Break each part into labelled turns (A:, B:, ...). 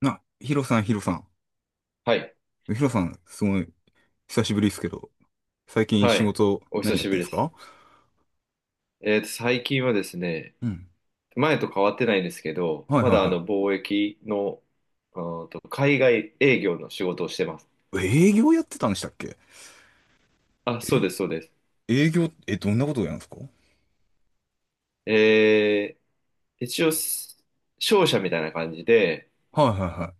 A: な、ヒロさん、ヒロさん。
B: はい。
A: ヒロさん、すごい、久しぶりですけど、最近
B: は
A: 仕
B: い。
A: 事、
B: お久
A: 何やっ
B: し
A: て
B: ぶ
A: んで
B: り
A: す
B: です。
A: か？
B: 最近はですね、
A: うん。
B: 前と変わってないんですけど、
A: はい
B: まだあ
A: はい
B: の貿易の、あーと、海外営業の仕事をしてます。
A: はい。営業やってたんでしたっけ？
B: あ、そう
A: え、
B: です、そうです。
A: 営業、え、どんなことをやるんですか？はい
B: え一応、商社みたいな感じで、
A: はい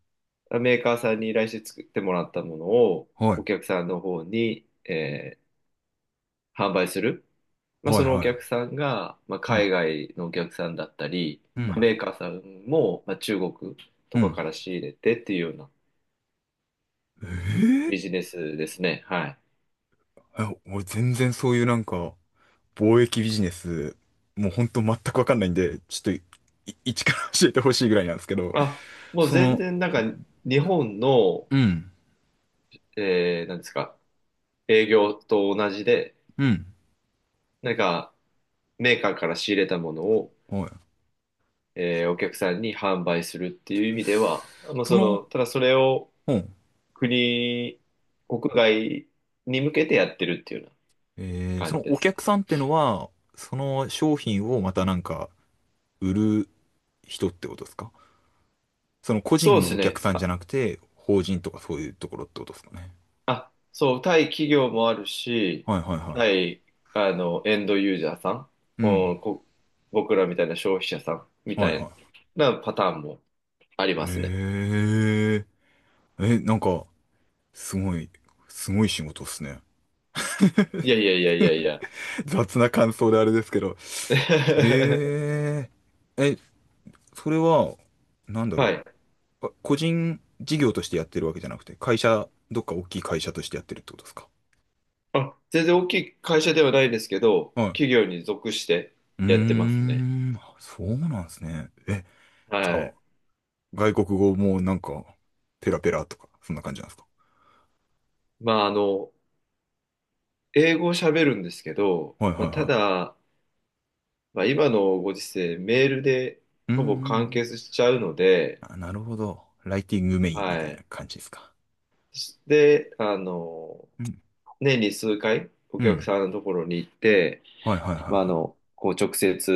B: メーカーさんに依頼して作ってもらったものを、
A: はい。はい。
B: お客さんの方に、販売する。まあ、
A: は
B: そ
A: い
B: のお
A: は
B: 客さんが、まあ、
A: い。う
B: 海
A: ん。
B: 外のお客さんだったり、
A: うん。
B: メーカーさんも、まあ、中国と
A: う
B: か
A: ん。
B: から仕入れてっていうような
A: えー、
B: ビジネスですね。はい。
A: え、俺全然そういうなんか、貿易ビジネス、もうほんと全くわかんないんで、ちょっと、一から教えてほしいぐらいなんですけど、
B: あ、もう
A: そ
B: 全
A: の、
B: 然なんか日本の、
A: うん。
B: なんですか、営業と同じで、
A: うん。
B: なんかメーカーから仕入れたものを、
A: はい。
B: お客さんに販売するっていう意味では、まあ、
A: そ
B: そ
A: の、
B: の、ただそれを
A: うん。
B: 国、国外に向けてやってるっていうような
A: えー、そ
B: 感じ
A: の
B: で
A: お
B: す
A: 客
B: ね。
A: さんってのは、その商品をまたなんか売る人ってことですか？その個
B: そ
A: 人
B: うで
A: の
B: す
A: お客
B: ね。
A: さんじゃなくて、法人とかそういうところってことですかね。
B: あ、そう、対企業もあるし、
A: はいはいは
B: 対、あの、エンドユーザーさん、
A: い。うん。
B: うん、僕らみたいな消費者さんみ
A: はい
B: たい
A: は
B: なパターンもあり
A: い。
B: ますね。
A: えー、え、なんか、すごい、すごい仕事っすね。
B: いやいやいやいやいや。
A: 雑な感想であれですけど。へえ、え、それは、なんだ
B: は
A: ろ
B: い。
A: う。あ、個人事業としてやってるわけじゃなくて、会社、どっか大きい会社としてやってるってことですか？
B: あ、全然大きい会社ではないですけど、企業に属して
A: うー
B: やってますね。
A: ん、あ、そうなんですね。え、じゃ
B: は
A: あ、
B: い。
A: 外国語もなんか、ペラペラとか、そんな感じなんですか？
B: まあ、あの、英語を喋るんですけど、
A: はいは
B: まあ、
A: い
B: た
A: は
B: だ、まあ、今のご時世、メールで
A: い。うんう
B: ほ
A: んう
B: ぼ完
A: ん。
B: 結しちゃうので、
A: あ、なるほど。ライティングメインみた
B: は
A: いな
B: い。
A: 感じですか。
B: で、あの、
A: うん。
B: 年に数回お
A: う
B: 客
A: ん。
B: さんのところに行って、
A: はいはいはい
B: まあ、あ
A: は
B: の、こう直接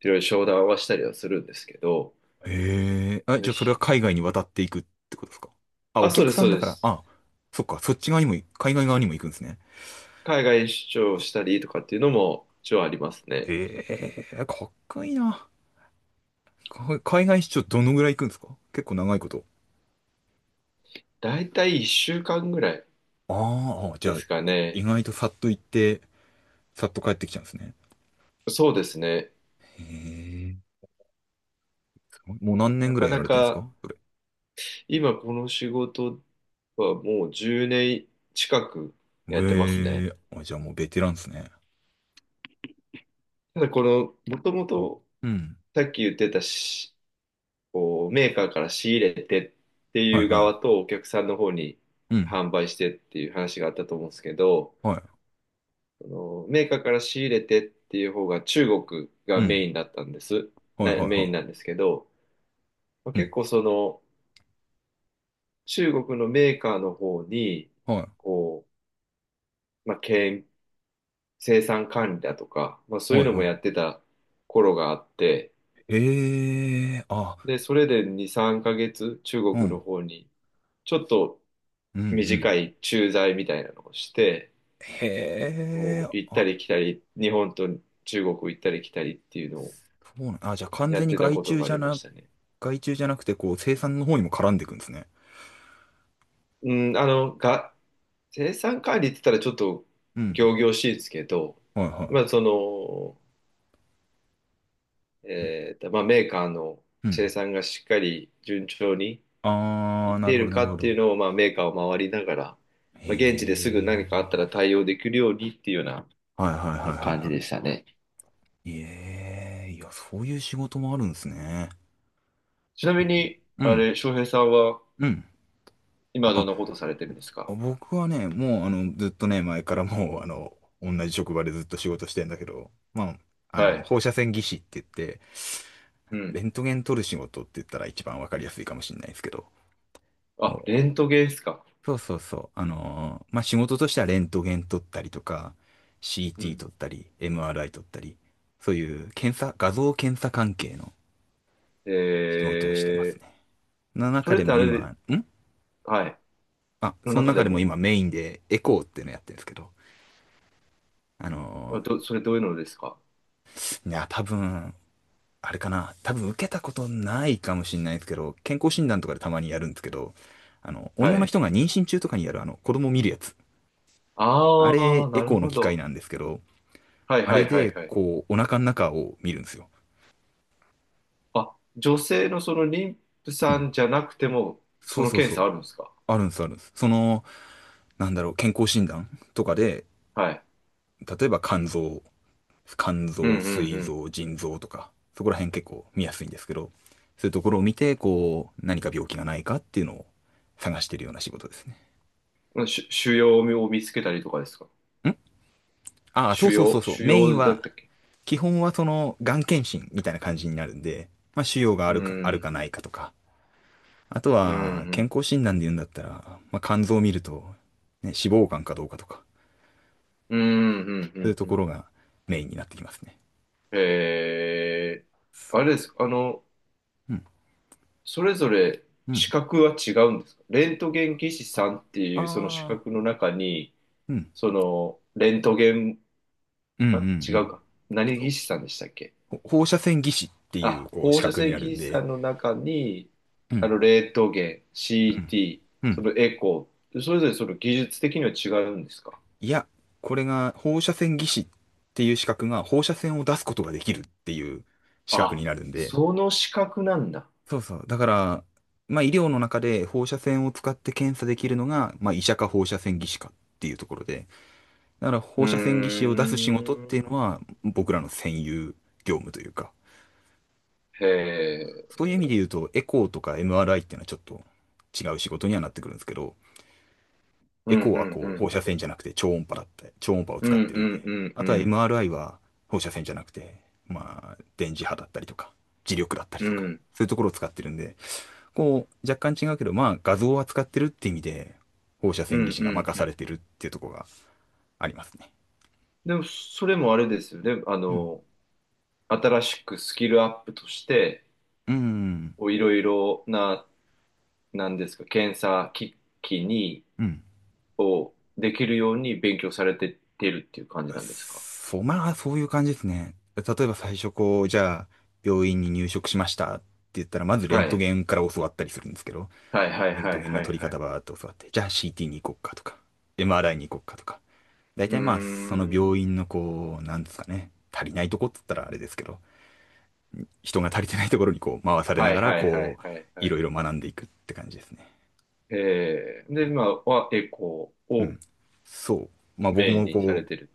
B: いろいろ商談はしたりはするんですけど、
A: い。へえ。あ、じゃあそれは
B: ひ
A: 海外に渡っていくってことですか？あ、
B: あ、
A: お
B: そう
A: 客
B: です、
A: さ
B: そ
A: ん
B: う
A: だ
B: で
A: から、
B: す。
A: あ、そっか、そっち側にも、海外側にも行くんですね。
B: 海外出張したりとかっていうのも一応ありますね。
A: ええ、かっこいいな。か海外出張どのぐらい行くんですか？結構長いこと。
B: だいたい1週間ぐらい
A: あーあ、じゃ
B: で
A: あ、
B: すか
A: 意
B: ね。
A: 外とさっと行って、さっと帰ってきちゃうんですね。
B: そうですね。
A: へえ、すごい、もう何年
B: な
A: ぐら
B: か
A: いや
B: な
A: られてるんです
B: か
A: か、それ。
B: 今この仕事はもう10年近くやってます
A: へ
B: ね。
A: え、あ、じゃあもうベテランですね。
B: ただこの、もともと
A: うん。
B: さっき言ってたこう、メーカーから仕入れてって
A: はい
B: いう
A: は
B: 側
A: い。
B: とお客さんの方に
A: うん。
B: 販売してっていう話があったと思うんですけど、
A: はい。
B: そのメーカーから仕入れてっていう方が中国
A: う
B: が
A: ん。
B: メインだったんです。
A: はいはい
B: メイン
A: は
B: なんですけど、まあ、
A: い。う
B: 結
A: ん。
B: 構その中国のメーカーの方に、
A: はい。
B: こう、まあ、経営生産管理だとか、まあ、そうい
A: は
B: う
A: い
B: のもや
A: は
B: ってた頃があって、
A: い。ええ、あ、
B: で、それで2、3ヶ月中
A: う
B: 国の
A: ん。
B: 方にちょっと
A: うんうん。
B: 短い駐在みたいなのをして、
A: へえ、
B: こう、行った
A: あ、
B: り来たり、日本と中国行ったり来たりっていうのを
A: そうなん、あ、じゃあ完
B: やっ
A: 全に
B: てたこともありましたね。
A: 外注じゃなくて、こう、生産の方にも絡んでいくんですね。
B: うん、あの、生産管理って言ったらちょっと
A: うん。
B: 仰々しいですけど、
A: はいは
B: まあ、その、
A: い。うん。
B: まあ、メーカーの
A: う
B: 生
A: ん、
B: 産がしっかり順調にい
A: あ
B: っ
A: ー、な
B: て
A: る
B: い
A: ほ
B: る
A: ど、な
B: か
A: るほ
B: ってい
A: ど。
B: うのを、まあ、メーカーを回りながら、
A: へ
B: まあ、現地ですぐ何かあったら
A: え。
B: 対応できるようにっていうような
A: はいはいはいは
B: 感
A: い
B: じ
A: は
B: でしたね。
A: い。ええ、いや、そういう仕事もあるんですね。
B: ちな
A: そ
B: み
A: う、
B: に、
A: う
B: あ
A: ん、
B: れ、翔平さんは
A: うん。
B: 今ど
A: あ、
B: んなことされてるんですか？
A: 僕はね、もう、あの、ずっとね、前からもう、あの、同じ職場でずっと仕事してんだけど、まあ、あ
B: は
A: の、
B: い。
A: 放射線技師って言って、
B: う
A: レ
B: ん。
A: ントゲン撮る仕事って言ったら一番わかりやすいかもしれないですけど、
B: あ、レントゲンですか。
A: そうそうそう。まあ、仕事としてはレントゲン撮ったりとか、
B: う
A: CT
B: ん。
A: 撮ったり、MRI 撮ったり、そういう検査、画像検査関係の
B: え
A: 仕事をしてます
B: ー、
A: ね。の
B: そ
A: 中
B: れっ
A: で
B: て
A: も
B: あれ
A: 今、
B: で、
A: ん、
B: はい。
A: あ、
B: の
A: その
B: 中で
A: 中でも
B: も、
A: 今メインでエコーっていうのやってるんですけど、あの
B: それどういうのですか？
A: いや、多分、あれかな、多分受けたことないかもしれないですけど、健康診断とかでたまにやるんですけど、あの、
B: は
A: 女の
B: い。
A: 人が妊娠中とかにやるあの、子供見るやつ。あ
B: あ
A: れ、
B: あ、
A: エ
B: な
A: コ
B: る
A: ーの
B: ほ
A: 機械
B: ど。
A: なんですけど、
B: はい
A: あ
B: は
A: れ
B: いは
A: で、
B: いはい。
A: こう、お腹の中を見るんですよ。
B: あ、女性のその妊婦
A: う
B: さ
A: ん。
B: んじゃなくても、
A: そ
B: そ
A: う
B: の
A: そう
B: 検
A: そう。
B: 査あるんですか？
A: あるんです、あるんです。その、なんだろう、健康診断とかで、
B: はい。
A: 例えば肝
B: うん
A: 臓、膵
B: うん
A: 臓、腎臓とか、そこら辺結構見やすいんですけど、そういうところを見て、こう、何か病気がないかっていうのを探してるような仕事ですね。
B: うん。腫瘍を見つけたりとかですか？
A: ん、ああ、そ
B: 腫
A: うそうそ
B: 瘍
A: うそう。
B: 腫
A: メイン
B: 瘍だっ
A: は、
B: たっけ？
A: 基本はその、がん検診みたいな感じになるんで、まあ、腫瘍があ
B: う
A: るか、あるか
B: ん。
A: ないかとか、あと
B: う
A: は、
B: んう
A: 健
B: ん。
A: 康診断で言うんだったら、まあ、肝臓を見ると、ね、脂肪肝かどうかとか、
B: うんうんう
A: そういう
B: ん
A: と
B: う
A: こ
B: ん。
A: ろがメインになってきますね。
B: え
A: そ
B: ー、あれです。あの、
A: う。うん。
B: それぞれ
A: う
B: 資
A: ん。
B: 格は違うんですか？レントゲン技師さんって
A: あ
B: いうその資
A: あ。
B: 格の中に、
A: うん。
B: その、レントゲン、
A: うんうんう
B: あ、違う
A: ん。
B: か。何
A: そう。
B: 技師さんでしたっけ？
A: 放射線技師っていう、
B: あ、
A: こう、資
B: 放射
A: 格に
B: 線
A: なる
B: 技
A: ん
B: 師さ
A: で、
B: んの中に、
A: うん。
B: あの、レントゲン、
A: うん。
B: CT、
A: う
B: そ
A: ん。
B: のエコー、それぞれその技術的には違うんですか？
A: いや、これが放射線技師っていう資格が放射線を出すことができるっていう資格に
B: あ、
A: なるんで、
B: その資格なんだ。
A: そうそう。だから、まあ医療の中で放射線を使って検査できるのが、まあ医者か放射線技師かっていうところで、だから
B: うー
A: 放射線技師を出す仕事っていう
B: ん。
A: のは僕らの専有業務というか、
B: へえ。
A: そういう意味で言うとエコーとか MRI っていうのはちょっと違う仕事にはなってくるんですけど、
B: う
A: エ
B: ん、
A: コー
B: う
A: は
B: ん、う
A: こう
B: ん、
A: 放
B: う
A: 射
B: ん。
A: 線じゃなくて超音波だって、超音波を
B: うん、
A: 使
B: う
A: ってるんで、
B: ん、うん、
A: あ
B: う
A: とは
B: ん。
A: MRI は放射線じゃなくて、まあ電磁波だったりとか、磁力だったり
B: う
A: とか、
B: ん、
A: そういうところを使ってるんで、こう、若干違うけど、まあ、画像を扱ってるって意味で、放射
B: うん、
A: 線技師
B: う
A: が
B: ん、
A: 任
B: う
A: され
B: ん。
A: てるっていうところがありますね。
B: でも、それもあれですよね。あ
A: うん。
B: の、新しくスキルアップとして、
A: うん。
B: こういろいろな、なんですか、検査機器に、
A: うん。
B: をできるように勉強されてってるっていう感じなんですか？
A: そう、まあ、そういう感じですね。例えば最初こう、じゃあ、病院に入職しましたって言ったら、まずレン
B: は
A: ト
B: い。
A: ゲンから教わったりするんですけど、
B: はいはい
A: レン
B: は
A: ト
B: い
A: ゲンの
B: はい
A: 取り
B: は
A: 方
B: い。
A: ばーっと教わって、じゃあ CT に行こうかとか、MRI に行こうかとか。大
B: うー
A: 体まあ、その病
B: ん。
A: 院のこう、なんですかね、足りないとこっつったらあれですけど、人が足りてないところにこう回されな
B: は
A: が
B: い
A: ら、
B: はいは
A: こ
B: い
A: う、
B: はい
A: い
B: はい。
A: ろいろ学んでいくって感じですね。
B: えー、で、今はエコー
A: うん。
B: を
A: そう。まあ僕
B: メイン
A: も
B: にさ
A: こ
B: れ
A: う、
B: てる。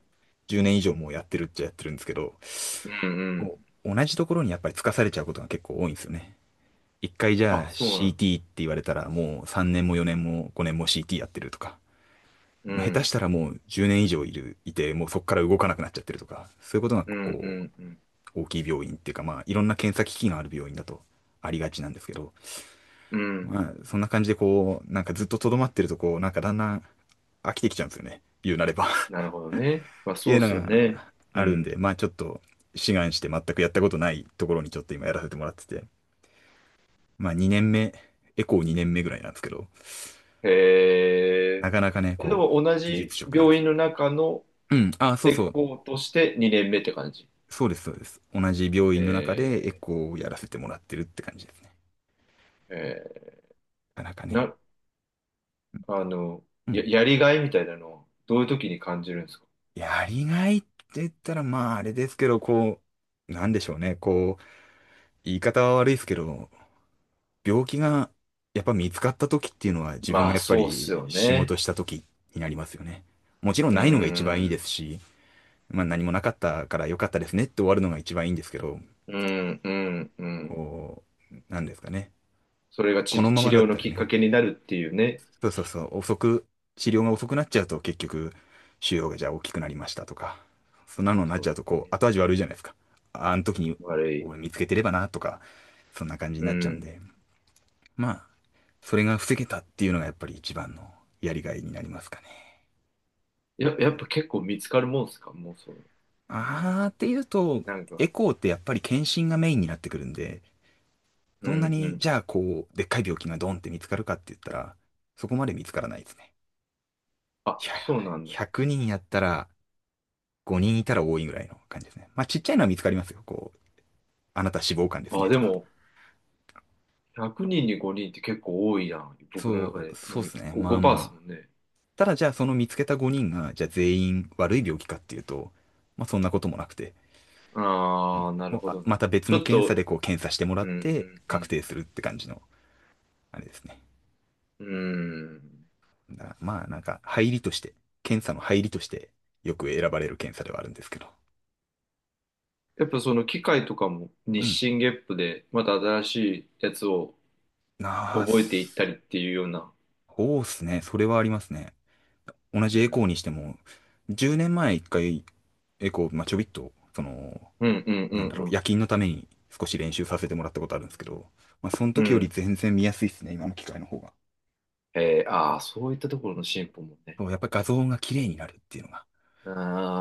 A: 10年以上もうやってるっちゃやってるんですけど、
B: うんうん。
A: こう同じところにやっぱりつかされちゃうことが結構多いんですよね。一回じ
B: あ、
A: ゃあ
B: そうなの。
A: CT って言われたらもう3年も4年も5年も CT やってるとか、
B: う
A: もう下手
B: ん。
A: したらもう10年以上いて、もうそこから動かなくなっちゃってるとか、そういうことが
B: うんう
A: こ
B: んうん。
A: う、大きい病院っていうかまあいろんな検査機器がある病院だとありがちなんですけど、
B: うん。
A: まあ、そんな感じでこう、なんかずっととどまってるとこう、なんかだんだん飽きてきちゃうんですよね。言うなれば っ
B: なるほどね。まあ
A: てい
B: そ
A: う
B: うっ
A: の
B: すよね。
A: が
B: う
A: あるんで、
B: ん。
A: まあちょっと志願して全くやったことないところにちょっと今やらせてもらってて、まあ2年目、エコー2年目ぐらいなんですけど、
B: へ
A: な
B: え。
A: かなかね、
B: え、で
A: こう、
B: も同
A: 技術
B: じ
A: 職なんで
B: 病
A: す
B: 院
A: よ。
B: の中の
A: うん、あ、そう
B: エ
A: そう、
B: コーとして2年目って感じ。
A: そうです、そうです。同じ病院の中でエ
B: え
A: コーをやらせてもらってるって感じですね。
B: ー、え
A: なかなか
B: ー
A: ね。
B: な、あの、
A: うん。
B: やりがいみたいなのをどういう時に感じるんですか？
A: やりがいって言ったら、まああれですけど、こう、なんでしょうね、こう、言い方は悪いですけど、病気がやっぱ見つかった時っていうのは自分
B: ま
A: が
B: あ、
A: やっぱ
B: そうっす
A: り
B: よ
A: 仕事
B: ね。
A: した時になりますよね。もちろん
B: うー
A: ないのが一番いいで
B: ん、
A: すし、まあ何もなかったから良かったですねって終わるのが一番いいんですけど、
B: うん、うん、うん。
A: こう、なんですかね。
B: それが
A: このま
B: 治
A: まだ
B: 療
A: っ
B: の
A: たら
B: きっか
A: ね、
B: けになるっていうね。
A: そうそうそう、治療が遅くなっちゃうと結局、腫瘍がじゃあ大きくなりましたとか、そんなのになっ
B: そ
A: ちゃ
B: う
A: うと
B: だ
A: こう
B: ね。
A: 後味悪いじゃないですか。あ、あの時に
B: 悪い。
A: 俺見つけてればなとか、そんな感じに
B: う
A: なっちゃうん
B: ん。
A: で。まあ、それが防げたっていうのがやっぱり一番のやりがいになりますかね。
B: やっぱ結構見つかるもんっすかもうそう？うん。
A: あーっていうと、
B: なんか、
A: エコーってやっぱり検診がメインになってくるんで、
B: う
A: そんな
B: ん、う
A: に、
B: ん。
A: じゃあこう、でっかい病気がドンって見つかるかって言ったら、そこまで見つからないですね。い
B: あ、
A: や、
B: そうなんだ。
A: 100人やったら5人いたら多いぐらいの感じですね。まあちっちゃいのは見つかりますよ。こう、あなた脂肪肝です
B: あ、
A: ね
B: で
A: とか。
B: も、100人に5人って結構多いな。僕の中
A: そ
B: で
A: う、
B: イメ
A: そう
B: ー
A: で
B: ジ。
A: すね。
B: こう
A: まあま
B: 5%
A: あ。
B: ですもんね。
A: ただじゃあその見つけた5人が、じゃあ全員悪い病気かっていうと、まあそんなこともなくて、うん
B: ああ、なる
A: を
B: ほ
A: あ
B: ど、な
A: ま
B: る
A: た
B: ほど。
A: 別
B: ち
A: の
B: ょっ
A: 検査
B: と、
A: でこう検査してもら
B: う
A: っ
B: ん、う
A: て
B: ん、う
A: 確
B: ん。
A: 定するって感じのあれですね。
B: うん。
A: だからまあなんか入りとして、検査の入りとしてよく選ばれる検査ではあるんですけど。
B: やっぱその機械とかも日
A: うん。
B: 進月歩でまた新しいやつを
A: なあ、
B: 覚えていった
A: そ
B: りっていうような。
A: うっすね。それはありますね。同
B: う
A: じエコー
B: ん。
A: にしても、10年前一回エコー、まあ、ちょびっと、その、
B: うん、うん、う
A: なん
B: ん、
A: だ
B: う
A: ろう、夜
B: ん。
A: 勤のために少し練習させてもらったことあるんですけど、まあ、その
B: う
A: 時より
B: ん。
A: 全然見やすいっすね、今の機械の方が。
B: えー、ああ、そういったところの進歩もね。
A: そう、やっぱり画像が綺麗になるっていうのが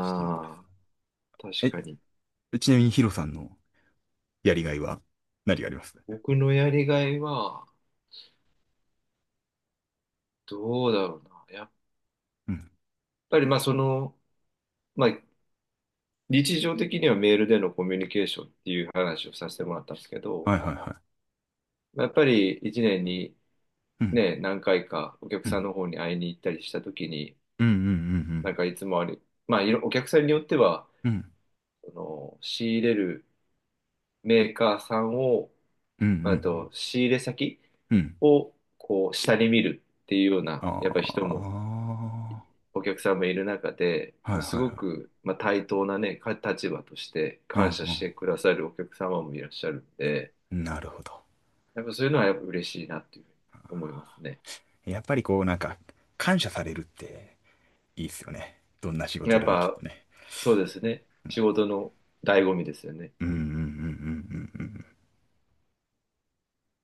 A: 進歩です。
B: あ、確
A: え、
B: かに。
A: ちなみにヒロさんのやりがいは何があります？
B: 僕のやりがいは、どうだろうな。やっ
A: うん。
B: ぱり、まあ、その、まあ、日常的にはメールでのコミュニケーションっていう話をさせてもらったんですけど、
A: はいはいは
B: まあやっぱり一年に
A: い。うん。
B: ね、何回かお客
A: う
B: さん
A: ん。
B: の方に会いに行ったりした時に、
A: うんうん
B: なんかいつもあり、まあお客さんによっては、
A: うんうん。うん。
B: あの仕入れるメーカーさんを、
A: うんう
B: あと
A: ん
B: 仕入れ先
A: うん。うん。
B: をこう下に見るっていうような、やっぱり人
A: あ
B: もお客さんもいる中で、
A: あ。は
B: もう
A: いは
B: す
A: い
B: ご
A: はい。
B: く、まあ、対等なね、立場として
A: う
B: 感
A: ん
B: 謝してくださるお客様もいらっしゃるんで、
A: うん。なるほど。
B: やっぱそういうのはやっぱ嬉しいなっていうふうに思いますね。
A: やっぱりこうなんか感謝されるっていいっすよね。どんな仕事
B: やっ
A: でもきっ
B: ぱ
A: とね。
B: そうですね。仕事の醍醐味ですよね。
A: うんうんうんうんうんうん。